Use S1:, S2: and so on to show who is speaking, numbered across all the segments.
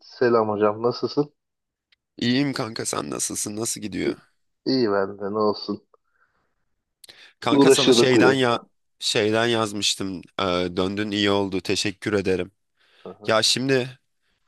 S1: Selam hocam, nasılsın?
S2: İyiyim kanka sen nasılsın? Nasıl gidiyor?
S1: İyi, iyi ben de, ne olsun.
S2: Kanka sana
S1: Uğraşıyorduk
S2: şeyden ya
S1: uyuyorduk.
S2: şeyden yazmıştım. Döndün iyi oldu. Teşekkür ederim.
S1: Hı hı,
S2: Ya şimdi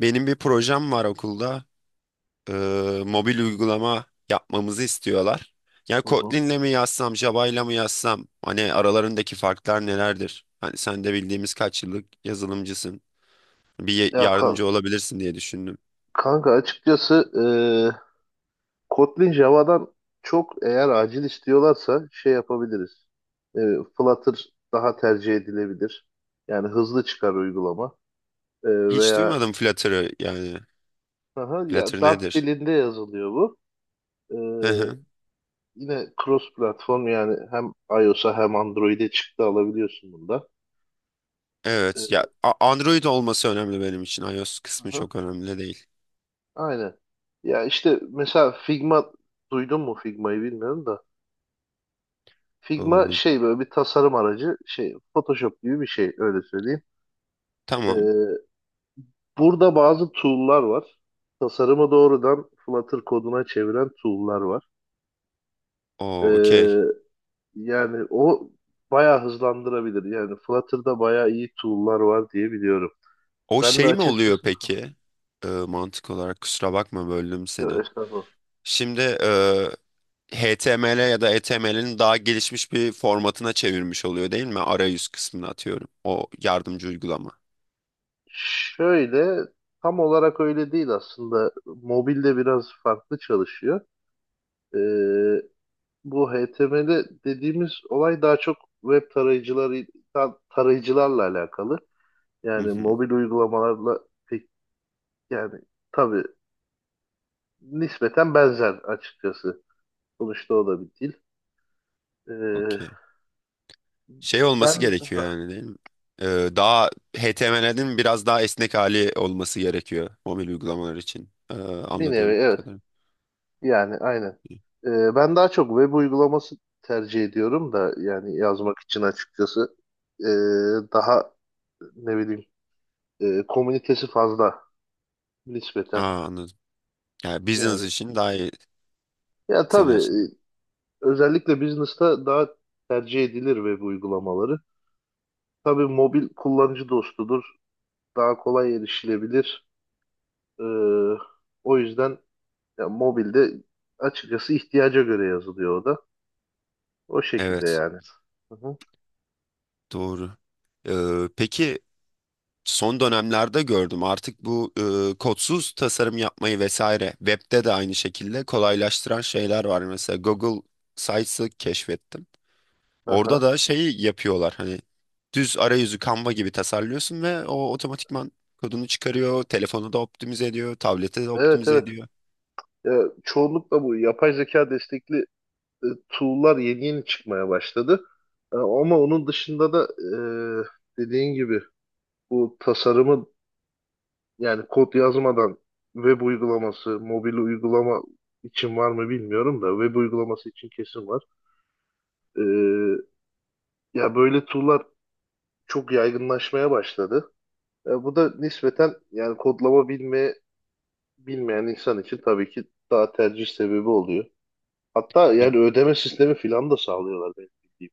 S2: benim bir projem var okulda. Ee, mobil uygulama yapmamızı istiyorlar. Ya
S1: hı hı.
S2: Kotlin'le mi yazsam, Java'yla mı yazsam? Hani aralarındaki farklar nelerdir? Hani sen de bildiğimiz kaç yıllık yazılımcısın.
S1: Ya kan-
S2: Yardımcı olabilirsin diye düşündüm.
S1: kanka açıkçası, e, Kotlin Java'dan çok eğer acil istiyorlarsa şey yapabiliriz. E, Flutter daha tercih edilebilir. Yani hızlı çıkar uygulama.
S2: Hiç
S1: Veya
S2: duymadım Flutter'ı yani.
S1: hı hı, ya
S2: Flutter
S1: Dart
S2: nedir?
S1: dilinde yazılıyor bu. E, Yine cross platform yani hem iOS'a hem Android'e çıktı alabiliyorsun bunda.
S2: Evet ya
S1: E,
S2: Android olması önemli benim için. iOS
S1: hı
S2: kısmı
S1: hı.
S2: çok önemli değil.
S1: Aynen. Ya işte mesela Figma duydun mu Figma'yı bilmiyorum da. Figma
S2: Ee,
S1: şey böyle bir tasarım aracı şey Photoshop gibi bir şey öyle söyleyeyim. Ee,
S2: tamam.
S1: Burada bazı tool'lar var. Tasarımı doğrudan Flutter koduna çeviren tool'lar var.
S2: O
S1: Ee,
S2: okey.
S1: Yani o bayağı hızlandırabilir. Yani Flutter'da bayağı iyi tool'lar var diye biliyorum.
S2: O
S1: Ben de
S2: şey mi oluyor
S1: açıkçası.
S2: peki? Mantık olarak kusura bakma böldüm seni.
S1: Yok, estağfurullah.
S2: Şimdi HTML ya da HTML'in daha gelişmiş bir formatına çevirmiş oluyor değil mi? Arayüz kısmını atıyorum. O yardımcı uygulama.
S1: Şöyle tam olarak öyle değil aslında. Mobilde biraz farklı çalışıyor. Ee, Bu HTML dediğimiz olay daha çok web tarayıcıları tarayıcılarla alakalı.
S2: Hı
S1: Yani
S2: hı.
S1: mobil uygulamalarla pek, yani tabii nispeten benzer açıkçası. Sonuçta o da bir dil. Ee,
S2: Okey. Şey olması
S1: ben
S2: gerekiyor
S1: ha,
S2: yani değil mi? Ee, daha HTML'in biraz daha esnek hali olması gerekiyor mobil uygulamalar için.
S1: bir nevi
S2: Anladığım
S1: evet,
S2: kadarıyla.
S1: yani aynen. Ben daha çok web uygulaması tercih ediyorum da, yani yazmak için açıkçası. Ee, Daha ne bileyim, komünitesi fazla nispeten
S2: Aa, anladım. Yani business
S1: yani.
S2: için daha iyi
S1: Ya
S2: senin
S1: tabii
S2: açından.
S1: özellikle business'ta daha tercih edilir ve bu uygulamaları. Tabii mobil kullanıcı dostudur. Daha kolay erişilebilir. Ee, O yüzden ya, mobilde açıkçası ihtiyaca göre yazılıyor o da. O şekilde
S2: Evet,
S1: yani. Hı hı.
S2: doğru. Peki son dönemlerde gördüm artık bu kodsuz tasarım yapmayı vesaire webde de aynı şekilde kolaylaştıran şeyler var. Mesela Google Sites'ı keşfettim. Orada
S1: Aha.
S2: da şeyi yapıyorlar hani düz arayüzü Canva gibi tasarlıyorsun ve o otomatikman kodunu çıkarıyor, telefonu da optimize ediyor, tablete de
S1: Evet
S2: optimize
S1: evet.
S2: ediyor.
S1: Ya, çoğunlukla bu yapay zeka destekli tool'lar yeni yeni çıkmaya başladı. Ama onun dışında da, dediğin gibi bu tasarımı, yani kod yazmadan web uygulaması, mobil uygulama için var mı bilmiyorum da web uygulaması için kesin var. Ee, Ya böyle tool'lar çok yaygınlaşmaya başladı. Ya bu da nispeten yani kodlama bilme bilmeyen insan için tabii ki daha tercih sebebi oluyor. Hatta
S2: Bir-
S1: yani ödeme sistemi filan da sağlıyorlar benim bildiğim.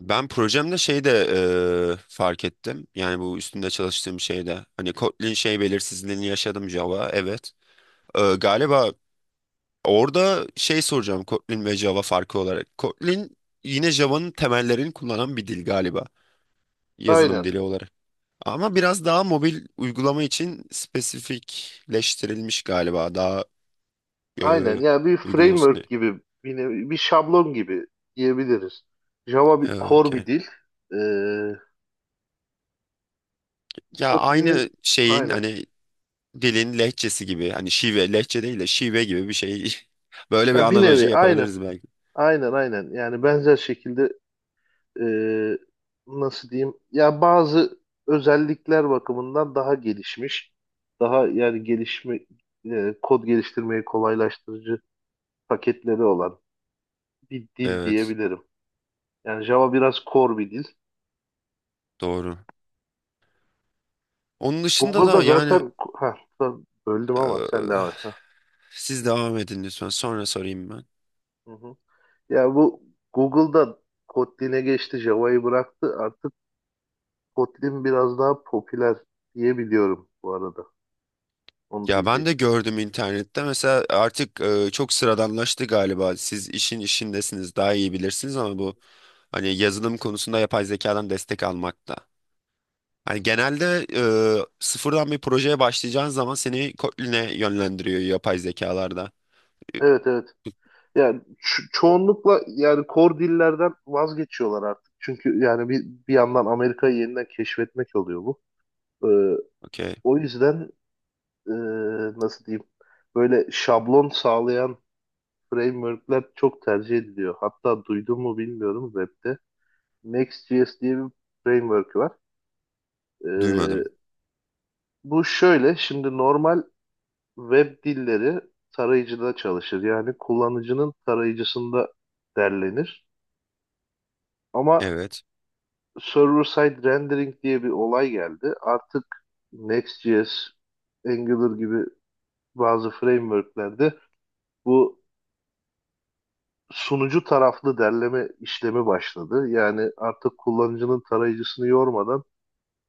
S2: Ben projemde şey de fark ettim. Yani bu üstünde çalıştığım şeyde hani Kotlin şey belirsizliğini yaşadım Java evet. Galiba orada şey soracağım Kotlin ve Java farkı olarak. Kotlin yine Java'nın temellerini kullanan bir dil galiba yazılım
S1: Aynen.
S2: dili olarak. Ama biraz daha mobil uygulama için spesifikleştirilmiş galiba. Daha e,
S1: Aynen. Yani bir
S2: uygun olsun diye.
S1: framework gibi, bir, bir şablon gibi diyebiliriz. Java bir core bir
S2: Okey.
S1: dil. Ee,
S2: Ya
S1: Kotlin'in
S2: aynı şeyin
S1: aynen.
S2: hani dilin lehçesi gibi hani şive lehçe değil de şive gibi bir şey. Böyle bir
S1: Ya bir
S2: analoji
S1: nevi aynen.
S2: yapabiliriz belki.
S1: Aynen aynen. Yani benzer şekilde, e, nasıl diyeyim? Ya bazı özellikler bakımından daha gelişmiş. Daha yani gelişme, kod geliştirmeyi kolaylaştırıcı paketleri olan bir dil
S2: Evet
S1: diyebilirim. Yani Java biraz core bir dil.
S2: doğru. Onun dışında
S1: Google'da
S2: da yani
S1: zaten ha pardon, böldüm ama sen devam
S2: e,
S1: et. Ha.
S2: siz devam edin lütfen sonra sorayım ben.
S1: Hı hı. Ya bu Google'da Kotlin'e geçti, Java'yı bıraktı. Artık Kotlin biraz daha popüler diye biliyorum bu arada. Onu
S2: Ya ben de
S1: diyecektim.
S2: gördüm internette mesela artık çok sıradanlaştı galiba. Siz işin işindesiniz daha iyi bilirsiniz ama bu hani yazılım konusunda yapay zekadan destek almakta. Hani genelde sıfırdan bir projeye başlayacağın zaman seni Kotlin'e yönlendiriyor yapay zekalarda.
S1: Evet evet. Yani çoğunlukla yani core dillerden vazgeçiyorlar artık. Çünkü yani bir, bir yandan Amerika'yı yeniden keşfetmek oluyor bu. Ee,
S2: Okey.
S1: O yüzden ee, nasıl diyeyim, böyle şablon sağlayan frameworkler çok tercih ediliyor. Hatta duydun mu bilmiyorum webde. Next.js diye bir framework var. Ee,
S2: Duymadım.
S1: Bu şöyle, şimdi normal web dilleri tarayıcıda çalışır. Yani kullanıcının tarayıcısında derlenir. Ama
S2: Evet.
S1: server side rendering diye bir olay geldi. Artık Next.js, Angular gibi bazı frameworklerde bu sunucu taraflı derleme işlemi başladı. Yani artık kullanıcının tarayıcısını yormadan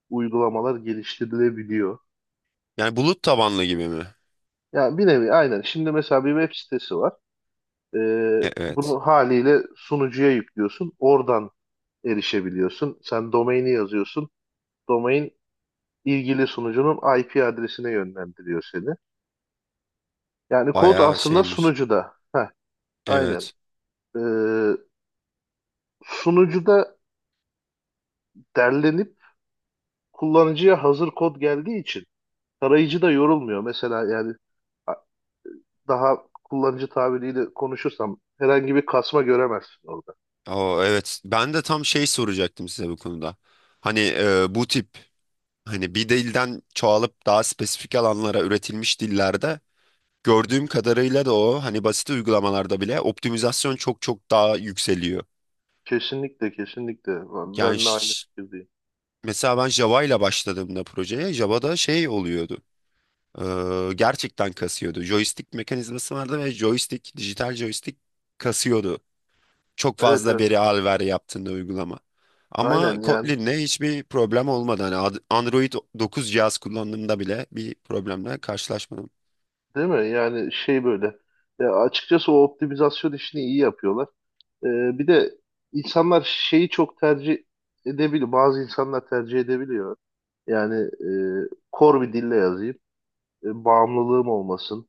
S1: uygulamalar geliştirilebiliyor.
S2: Yani bulut tabanlı gibi mi?
S1: Yani bir nevi aynen. Şimdi mesela bir web sitesi var.
S2: Evet.
S1: Bunu haliyle sunucuya yüklüyorsun. Oradan erişebiliyorsun. Sen domaini yazıyorsun. Domain ilgili sunucunun IP adresine yönlendiriyor seni. Yani kod
S2: Bayağı
S1: aslında
S2: şeymiş.
S1: sunucuda. Heh, aynen.
S2: Evet.
S1: Ee, Sunucuda derlenip kullanıcıya hazır kod geldiği için tarayıcı da yorulmuyor. Mesela yani daha kullanıcı tabiriyle konuşursam herhangi bir kasma göremezsin orada.
S2: O evet. Ben de tam şey soracaktım size bu konuda. Hani bu tip hani bir dilden çoğalıp daha spesifik alanlara üretilmiş dillerde gördüğüm kadarıyla da o hani basit uygulamalarda bile optimizasyon çok çok daha yükseliyor.
S1: Kesinlikle kesinlikle.
S2: Yani
S1: Ben de aynı fikirdeyim.
S2: mesela ben Java ile başladığımda projeye Java'da şey oluyordu. Gerçekten kasıyordu. Joystick mekanizması vardı ve joystick, dijital joystick kasıyordu. Çok
S1: Evet
S2: fazla
S1: evet.
S2: veri al ver yaptığında uygulama. Ama
S1: Aynen yani.
S2: Kotlin'le hiçbir problem olmadı. Hani Android 9 cihaz kullandığımda bile bir problemle karşılaşmadım.
S1: Değil mi? Yani şey böyle. Ya açıkçası o optimizasyon işini iyi yapıyorlar. Ee, Bir de insanlar şeyi çok tercih edebiliyor. Bazı insanlar tercih edebiliyor. Yani kor bir dille yazayım, bağımlılığım olmasın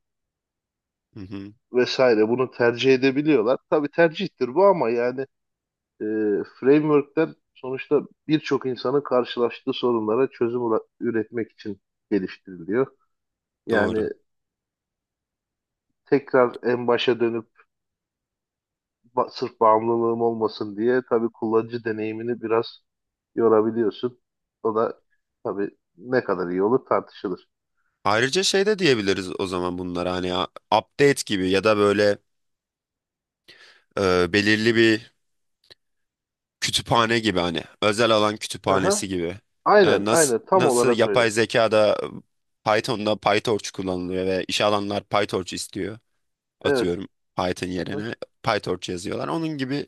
S2: Hı hı,
S1: vesaire. Bunu tercih edebiliyorlar. Tabii tercihtir bu ama yani, e, frameworkler sonuçta birçok insanın karşılaştığı sorunlara çözüm üretmek için geliştiriliyor.
S2: doğru.
S1: Yani tekrar en başa dönüp sırf bağımlılığım olmasın diye tabii kullanıcı deneyimini biraz yorabiliyorsun. O da tabii ne kadar iyi olur tartışılır.
S2: Ayrıca şey de diyebiliriz o zaman bunlara hani update gibi ya da böyle belirli bir kütüphane gibi hani özel alan
S1: Aha.
S2: kütüphanesi gibi.
S1: Aynen,
S2: nasıl
S1: aynen tam
S2: nasıl
S1: olarak öyle.
S2: yapay zekada Python'da PyTorch kullanılıyor ve iş alanlar PyTorch istiyor.
S1: Evet.
S2: Atıyorum Python
S1: Aha.
S2: yerine PyTorch yazıyorlar. Onun gibi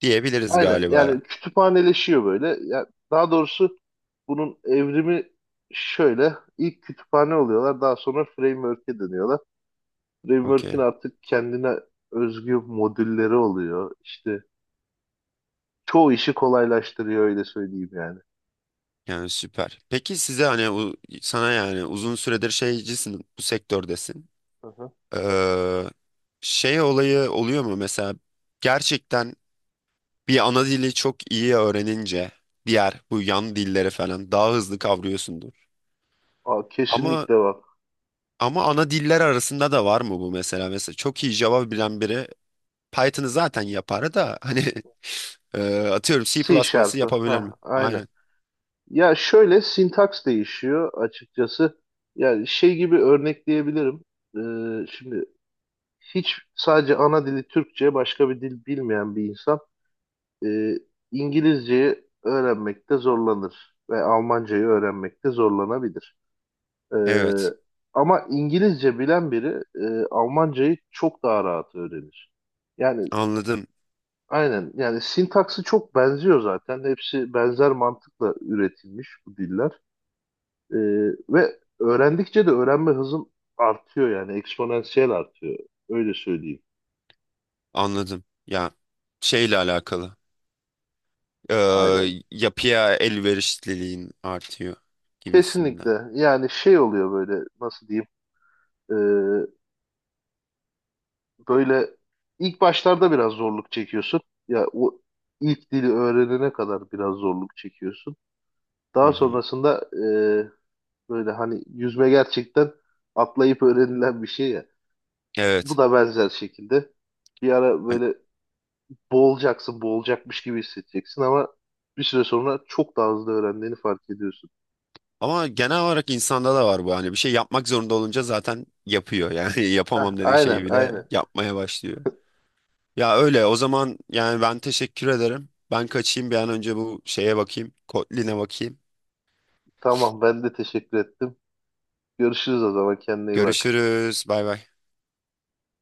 S2: diyebiliriz
S1: Aynen.
S2: galiba.
S1: Yani kütüphaneleşiyor böyle. Ya daha doğrusu bunun evrimi şöyle. İlk kütüphane oluyorlar, daha sonra framework'e dönüyorlar. Framework'in
S2: Okey.
S1: artık kendine özgü modülleri oluyor. İşte çoğu işi kolaylaştırıyor öyle söyleyeyim yani.
S2: Yani süper. Peki size hani sana yani uzun süredir şeycisin bu sektördesin.
S1: Aha.
S2: Ee, şey olayı oluyor mu mesela gerçekten bir ana dili çok iyi öğrenince diğer bu yan dilleri falan daha hızlı kavrıyorsundur.
S1: Aa,
S2: Ama
S1: kesinlikle bak.
S2: ama ana diller arasında da var mı bu mesela? Mesela çok iyi Java bilen biri Python'ı zaten yapar da hani e, atıyorum
S1: C
S2: C++'ı
S1: Sharp'ı.
S2: yapabilir mi?
S1: Ha, aynen.
S2: Aynen.
S1: Ya şöyle sintaks değişiyor açıkçası. Yani şey gibi örnekleyebilirim. Şimdi hiç sadece ana dili Türkçe başka bir dil bilmeyen bir insan, e, İngilizceyi öğrenmekte zorlanır ve Almancayı öğrenmekte zorlanabilir. Ee,
S2: Evet.
S1: Ama İngilizce bilen biri, Almancayı çok daha rahat öğrenir. Yani
S2: Anladım.
S1: aynen yani, sintaksı çok benziyor zaten. Hepsi benzer mantıkla üretilmiş bu diller. Ee, Ve öğrendikçe de öğrenme hızın artıyor, yani eksponansiyel artıyor. Öyle söyleyeyim.
S2: Anladım. Ya şeyle alakalı. Ee,
S1: Aynen
S2: yapıya elverişliliğin artıyor gibisinden.
S1: kesinlikle, yani şey oluyor böyle, nasıl diyeyim. Ee, Böyle ilk başlarda biraz zorluk çekiyorsun. Ya o ilk dili öğrenene kadar biraz zorluk çekiyorsun.
S2: Hı
S1: Daha
S2: hı.
S1: sonrasında, böyle hani yüzme gerçekten atlayıp öğrenilen bir şey. Bu
S2: Evet.
S1: da benzer şekilde, bir ara
S2: Hani-
S1: böyle boğulacaksın, boğulacakmış gibi hissedeceksin ama bir süre sonra çok daha hızlı öğrendiğini fark ediyorsun.
S2: ama genel olarak insanda da var bu. Hani bir şey yapmak zorunda olunca zaten yapıyor. Yani
S1: Heh,
S2: yapamam dediği
S1: aynen,
S2: şeyi bile
S1: aynen.
S2: yapmaya başlıyor. Ya öyle. O zaman yani ben teşekkür ederim. Ben kaçayım bir an önce bu şeye bakayım. Kotlin'e bakayım.
S1: Tamam, ben de teşekkür ettim. Görüşürüz o zaman, kendine iyi bak.
S2: Görüşürüz. Bay bay.